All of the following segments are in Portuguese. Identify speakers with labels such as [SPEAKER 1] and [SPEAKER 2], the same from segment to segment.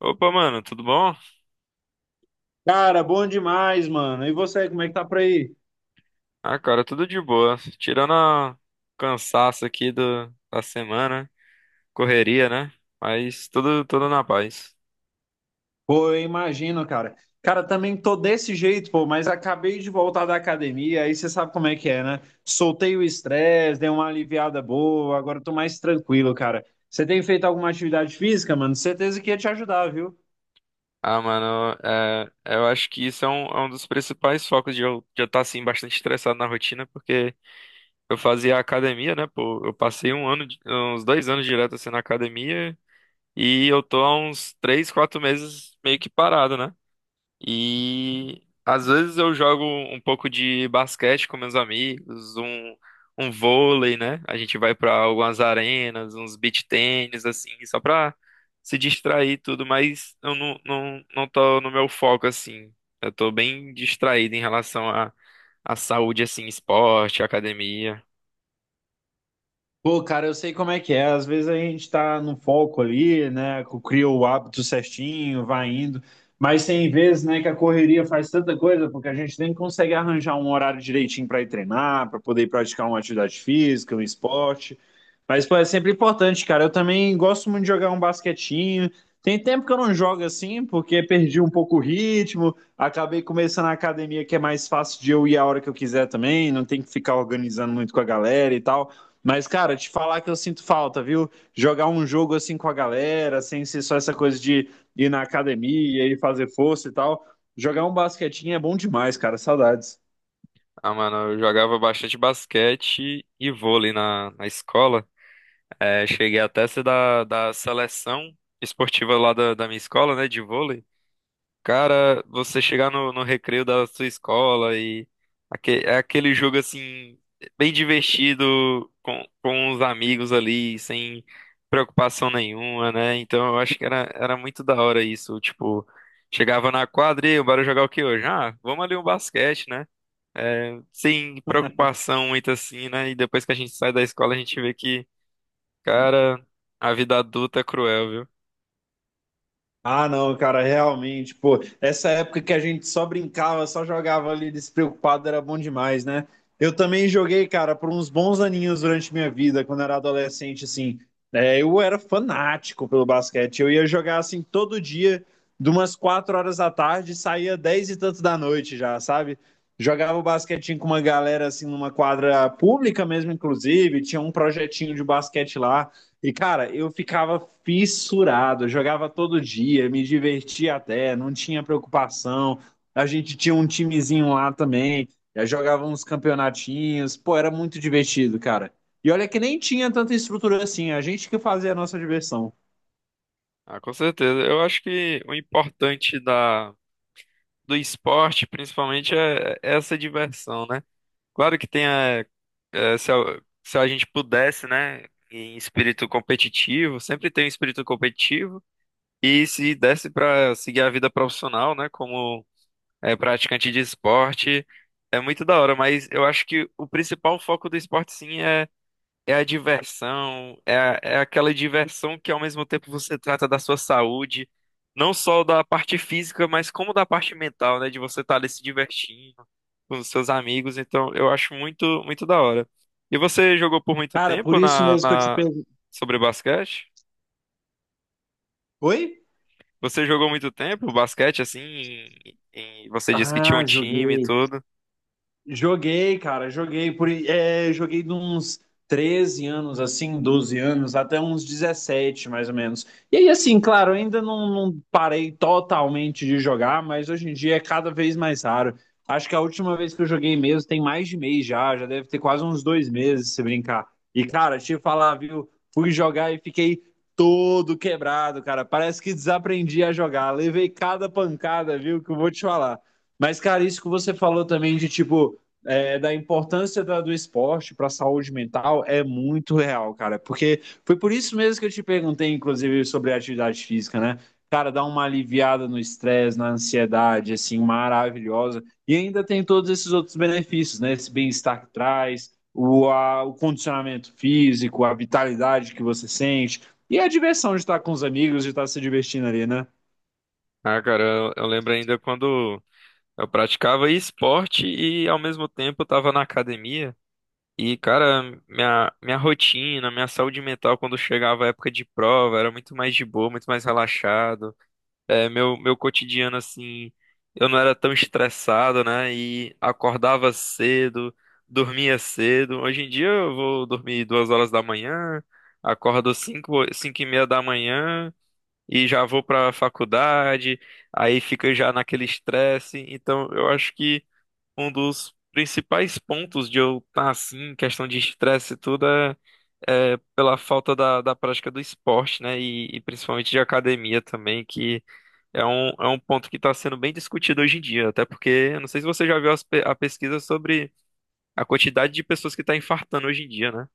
[SPEAKER 1] Opa, mano, tudo bom?
[SPEAKER 2] Cara, bom demais, mano. E você, como é que tá por aí?
[SPEAKER 1] Ah, cara, tudo de boa. Tirando o cansaço aqui da semana, correria, né? Mas tudo, tudo na paz.
[SPEAKER 2] Pô, eu imagino, cara. Cara, também tô desse jeito, pô, mas acabei de voltar da academia, aí você sabe como é que é, né? Soltei o estresse, dei uma aliviada boa, agora eu tô mais tranquilo, cara. Você tem feito alguma atividade física, mano? Certeza que ia te ajudar, viu?
[SPEAKER 1] Ah, mano, eu acho que isso é um dos principais focos de eu já estar, assim, bastante estressado na rotina, porque eu fazia academia, né? Pô, eu passei um ano, uns 2 anos direto, assim, na academia, e eu tô há uns 3, 4 meses meio que parado, né? E às vezes eu jogo um pouco de basquete com meus amigos, um vôlei, né? A gente vai pra algumas arenas, uns beach tênis, assim, só pra se distrair e tudo, mas eu não tô no meu foco, assim. Eu tô bem distraído em relação à saúde, assim, esporte, academia.
[SPEAKER 2] Pô, cara, eu sei como é que é. Às vezes a gente tá no foco ali, né? Cria o hábito certinho, vai indo. Mas tem vezes, né, que a correria faz tanta coisa, porque a gente nem consegue arranjar um horário direitinho para ir treinar, para poder praticar uma atividade física, um esporte. Mas, pô, é sempre importante, cara. Eu também gosto muito de jogar um basquetinho. Tem tempo que eu não jogo assim, porque perdi um pouco o ritmo. Acabei começando a academia, que é mais fácil de eu ir a hora que eu quiser também. Não tem que ficar organizando muito com a galera e tal. Mas, cara, te falar que eu sinto falta, viu? Jogar um jogo assim com a galera, sem ser só essa coisa de ir na academia e fazer força e tal. Jogar um basquetinho é bom demais, cara. Saudades.
[SPEAKER 1] Ah, mano, eu jogava bastante basquete e vôlei na escola. Cheguei até a ser da seleção esportiva lá da minha escola, né, de vôlei. Cara, você chegar no recreio da sua escola e é aquele jogo assim, bem divertido com os amigos ali, sem preocupação nenhuma, né? Então eu acho que era muito da hora isso. Tipo, chegava na quadra e "Ei, bora jogar o que hoje? Ah, vamos ali um basquete, né? Sem preocupação muito assim, né?" E depois que a gente sai da escola, a gente vê que. Cara, a vida adulta é cruel, viu?
[SPEAKER 2] Ah, não, cara, realmente, pô, essa época que a gente só brincava, só jogava ali despreocupado, era bom demais, né? Eu também joguei, cara, por uns bons aninhos durante minha vida, quando era adolescente, assim. É, eu era fanático pelo basquete, eu ia jogar, assim, todo dia, de umas 4 horas da tarde, saía 10 e tanto da noite já, sabe? Jogava basquetinho com uma galera, assim, numa quadra pública mesmo, inclusive, tinha um projetinho de basquete lá. E, cara, eu ficava fissurado, eu jogava todo dia, me divertia até, não tinha preocupação. A gente tinha um timezinho lá também, já jogava uns campeonatinhos, pô, era muito divertido, cara. E olha que nem tinha tanta estrutura assim, a gente que fazia a nossa diversão.
[SPEAKER 1] Ah, com certeza. Eu acho que o importante da, do esporte, principalmente, é essa diversão, né? Claro que tem a, é, se, a, se a gente pudesse, né, em espírito competitivo, sempre tem um espírito competitivo, e se desse para seguir a vida profissional, né, como é, praticante de esporte, é muito da hora, mas eu acho que o principal foco do esporte, sim, é a diversão, é aquela diversão que ao mesmo tempo você trata da sua saúde, não só da parte física, mas como da parte mental, né? De você estar ali se divertindo com os seus amigos. Então, eu acho muito, muito da hora. E você jogou por muito
[SPEAKER 2] Cara, por
[SPEAKER 1] tempo
[SPEAKER 2] isso
[SPEAKER 1] na,
[SPEAKER 2] mesmo que eu te
[SPEAKER 1] na...
[SPEAKER 2] perguntei.
[SPEAKER 1] sobre basquete?
[SPEAKER 2] Oi?
[SPEAKER 1] Você jogou muito tempo basquete, assim, você disse que tinha um
[SPEAKER 2] Ah,
[SPEAKER 1] time e
[SPEAKER 2] joguei.
[SPEAKER 1] tudo.
[SPEAKER 2] Joguei, cara, joguei por, joguei de uns 13 anos, assim, 12 anos, até uns 17 mais ou menos. E aí, assim, claro, ainda não parei totalmente de jogar, mas hoje em dia é cada vez mais raro. Acho que a última vez que eu joguei mesmo tem mais de mês já, já deve ter quase uns 2 meses, se brincar. E, cara, te falar, viu, fui jogar e fiquei todo quebrado, cara. Parece que desaprendi a jogar. Levei cada pancada, viu, que eu vou te falar. Mas, cara, isso que você falou também de tipo da importância do esporte para a saúde mental é muito real, cara. Porque foi por isso mesmo que eu te perguntei, inclusive, sobre a atividade física, né? Cara, dá uma aliviada no estresse, na ansiedade, assim, maravilhosa. E ainda tem todos esses outros benefícios, né? Esse bem-estar que traz, o, o condicionamento físico, a vitalidade que você sente e a diversão de estar com os amigos, de estar se divertindo ali, né?
[SPEAKER 1] Ah, cara, eu lembro ainda quando eu praticava esporte e ao mesmo tempo estava na academia. E, cara, minha rotina, minha saúde mental quando chegava a época de prova era muito mais de boa, muito mais relaxado. Meu cotidiano, assim, eu não era tão estressado, né? E acordava cedo, dormia cedo. Hoje em dia eu vou dormir 2h da manhã, acordo 5h, 5h30 da manhã e já vou pra faculdade, aí fica já naquele estresse. Então, eu acho que um dos principais pontos de eu estar assim, em questão de estresse e tudo, é pela falta da prática do esporte, né? E principalmente de academia também, que é um ponto que está sendo bem discutido hoje em dia. Até porque, eu não sei se você já viu a pesquisa sobre a quantidade de pessoas que está infartando hoje em dia, né?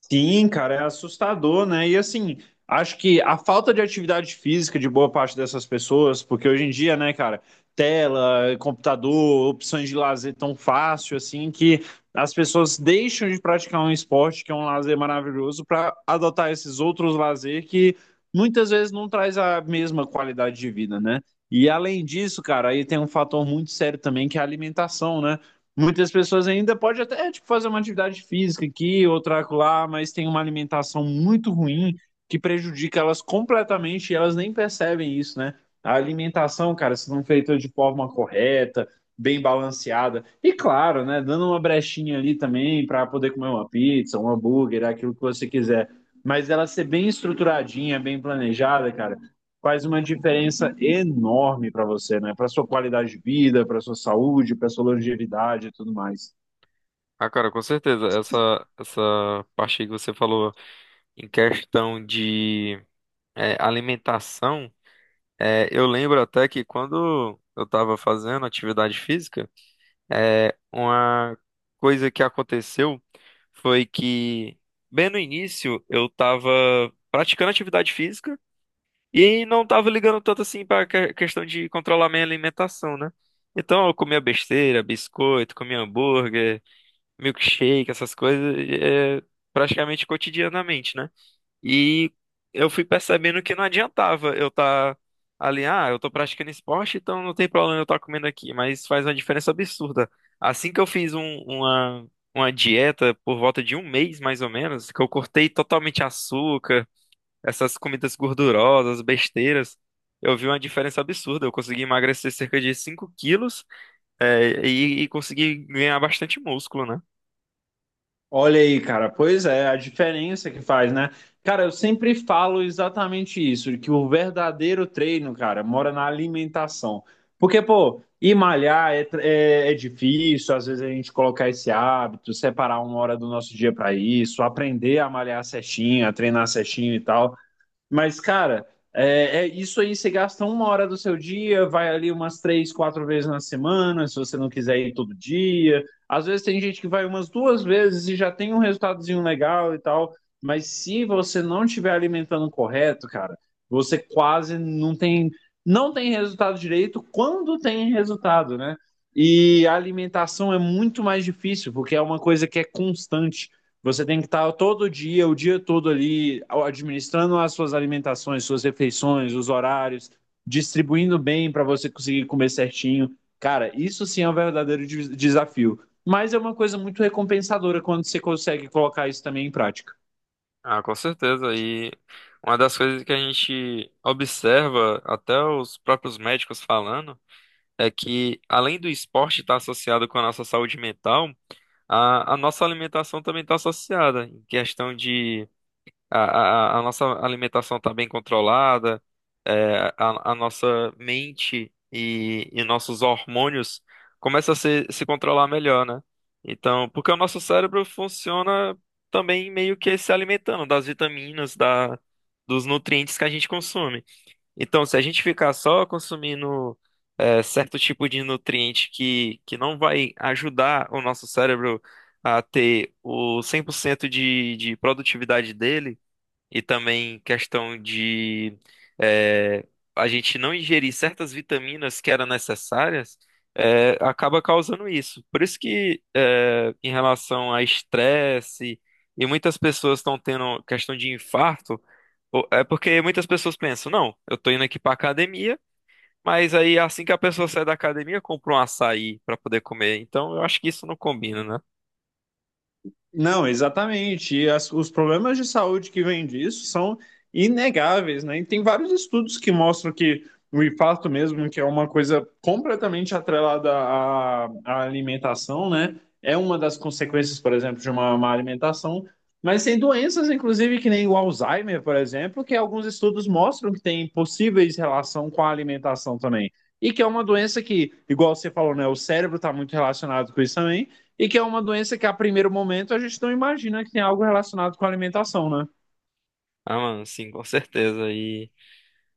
[SPEAKER 2] Sim, cara, é assustador, né? E assim, acho que a falta de atividade física de boa parte dessas pessoas, porque hoje em dia, né, cara, tela, computador, opções de lazer tão fácil assim que as pessoas deixam de praticar um esporte que é um lazer maravilhoso para adotar esses outros lazer que muitas vezes não traz a mesma qualidade de vida, né? E além disso, cara, aí tem um fator muito sério também que é a alimentação, né? Muitas pessoas ainda pode até tipo, fazer uma atividade física aqui, outra lá, mas tem uma alimentação muito ruim que prejudica elas completamente e elas nem percebem isso, né? A alimentação, cara, se não feita de forma correta, bem balanceada, e claro, né, dando uma brechinha ali também para poder comer uma pizza, um hambúrguer, aquilo que você quiser, mas ela ser bem estruturadinha, bem planejada, cara faz uma diferença enorme para você, né? Para sua qualidade de vida, para sua saúde, para sua longevidade e tudo mais.
[SPEAKER 1] Ah, cara, com certeza. Essa parte aí que você falou em questão de alimentação, eu lembro até que quando eu estava fazendo atividade física, Uma coisa que aconteceu foi que, bem no início, eu tava praticando atividade física e não tava ligando tanto assim pra questão de controlar minha alimentação, né? Então eu comia besteira, biscoito, comia hambúrguer, milkshake, essas coisas, é, praticamente cotidianamente, né? E eu fui percebendo que não adiantava eu estar ali, ah, eu tô praticando esporte, então não tem problema eu estar comendo aqui, mas faz uma diferença absurda. Assim que eu fiz uma dieta por volta de um mês, mais ou menos, que eu cortei totalmente açúcar, essas comidas gordurosas, besteiras, eu vi uma diferença absurda. Eu consegui emagrecer cerca de 5 quilos, e consegui ganhar bastante músculo, né?
[SPEAKER 2] Olha aí, cara, pois é, a diferença que faz, né? Cara, eu sempre falo exatamente isso, que o verdadeiro treino, cara, mora na alimentação. Porque, pô, ir malhar é difícil, às vezes a gente colocar esse hábito, separar uma hora do nosso dia para isso, aprender a malhar certinho, a treinar certinho e tal. Mas, cara, é isso aí. Você gasta uma hora do seu dia, vai ali umas 3, 4 vezes na semana, se você não quiser ir todo dia. Às vezes tem gente que vai umas 2 vezes e já tem um resultadozinho legal e tal. Mas se você não estiver alimentando correto, cara, você quase não tem resultado direito quando tem resultado, né? E a alimentação é muito mais difícil, porque é uma coisa que é constante. Você tem que estar todo dia, o dia todo ali, administrando as suas alimentações, suas refeições, os horários, distribuindo bem para você conseguir comer certinho. Cara, isso sim é um verdadeiro desafio. Mas é uma coisa muito recompensadora quando você consegue colocar isso também em prática.
[SPEAKER 1] Ah, com certeza. E uma das coisas que a gente observa, até os próprios médicos falando, é que além do esporte estar associado com a nossa saúde mental, a nossa alimentação também está associada, em questão de a nossa alimentação está bem controlada, a nossa mente e nossos hormônios começam a se controlar melhor, né? Então, porque o nosso cérebro funciona também meio que se alimentando das vitaminas, da, dos nutrientes que a gente consome. Então, se a gente ficar só consumindo certo tipo de nutriente que não vai ajudar o nosso cérebro a ter o 100% de produtividade dele, e também questão de eh, a gente não ingerir certas vitaminas que eram necessárias, acaba causando isso. Por isso que em relação a estresse e muitas pessoas estão tendo questão de infarto, é porque muitas pessoas pensam, não, eu estou indo aqui para academia, mas aí assim que a pessoa sai da academia, compra um açaí para poder comer. Então eu acho que isso não combina, né?
[SPEAKER 2] Não, exatamente. E os problemas de saúde que vêm disso são inegáveis, né? E tem vários estudos que mostram que o infarto mesmo, que é uma coisa completamente atrelada à alimentação, né? É uma das consequências, por exemplo, de uma má alimentação. Mas tem doenças, inclusive, que nem o Alzheimer, por exemplo, que alguns estudos mostram que tem possíveis relação com a alimentação também. E que é uma doença que, igual você falou, né? O cérebro está muito relacionado com isso também e que é uma doença que a primeiro momento a gente não imagina que tem algo relacionado com alimentação, né?
[SPEAKER 1] Ah, mano, sim, com certeza.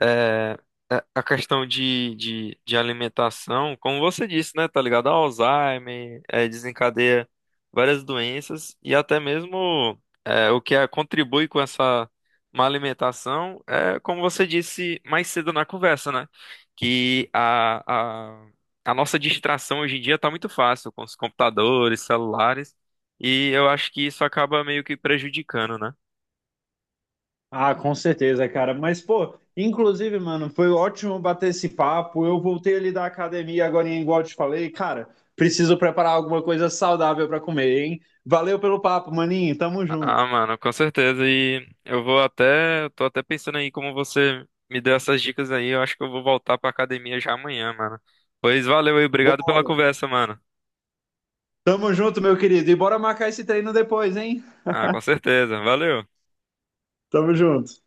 [SPEAKER 1] é, a questão de alimentação, como você disse, né, tá ligado? A Alzheimer, desencadeia várias doenças e até mesmo contribui com essa má alimentação, é, como você disse mais cedo na conversa, né? Que a nossa distração hoje em dia tá muito fácil com os computadores, celulares, e eu acho que isso acaba meio que prejudicando, né?
[SPEAKER 2] Ah, com certeza, cara. Mas, pô, inclusive, mano, foi ótimo bater esse papo. Eu voltei ali da academia agora, igual eu te falei, cara, preciso preparar alguma coisa saudável para comer, hein? Valeu pelo papo, maninho. Tamo junto.
[SPEAKER 1] Ah, mano, com certeza. Eu tô até pensando aí como você me deu essas dicas aí. Eu acho que eu vou voltar pra academia já amanhã, mano. Pois valeu aí, obrigado pela
[SPEAKER 2] Bora.
[SPEAKER 1] conversa, mano.
[SPEAKER 2] Tamo junto, meu querido. E bora marcar esse treino depois, hein?
[SPEAKER 1] Ah, com certeza. Valeu.
[SPEAKER 2] Tamo junto.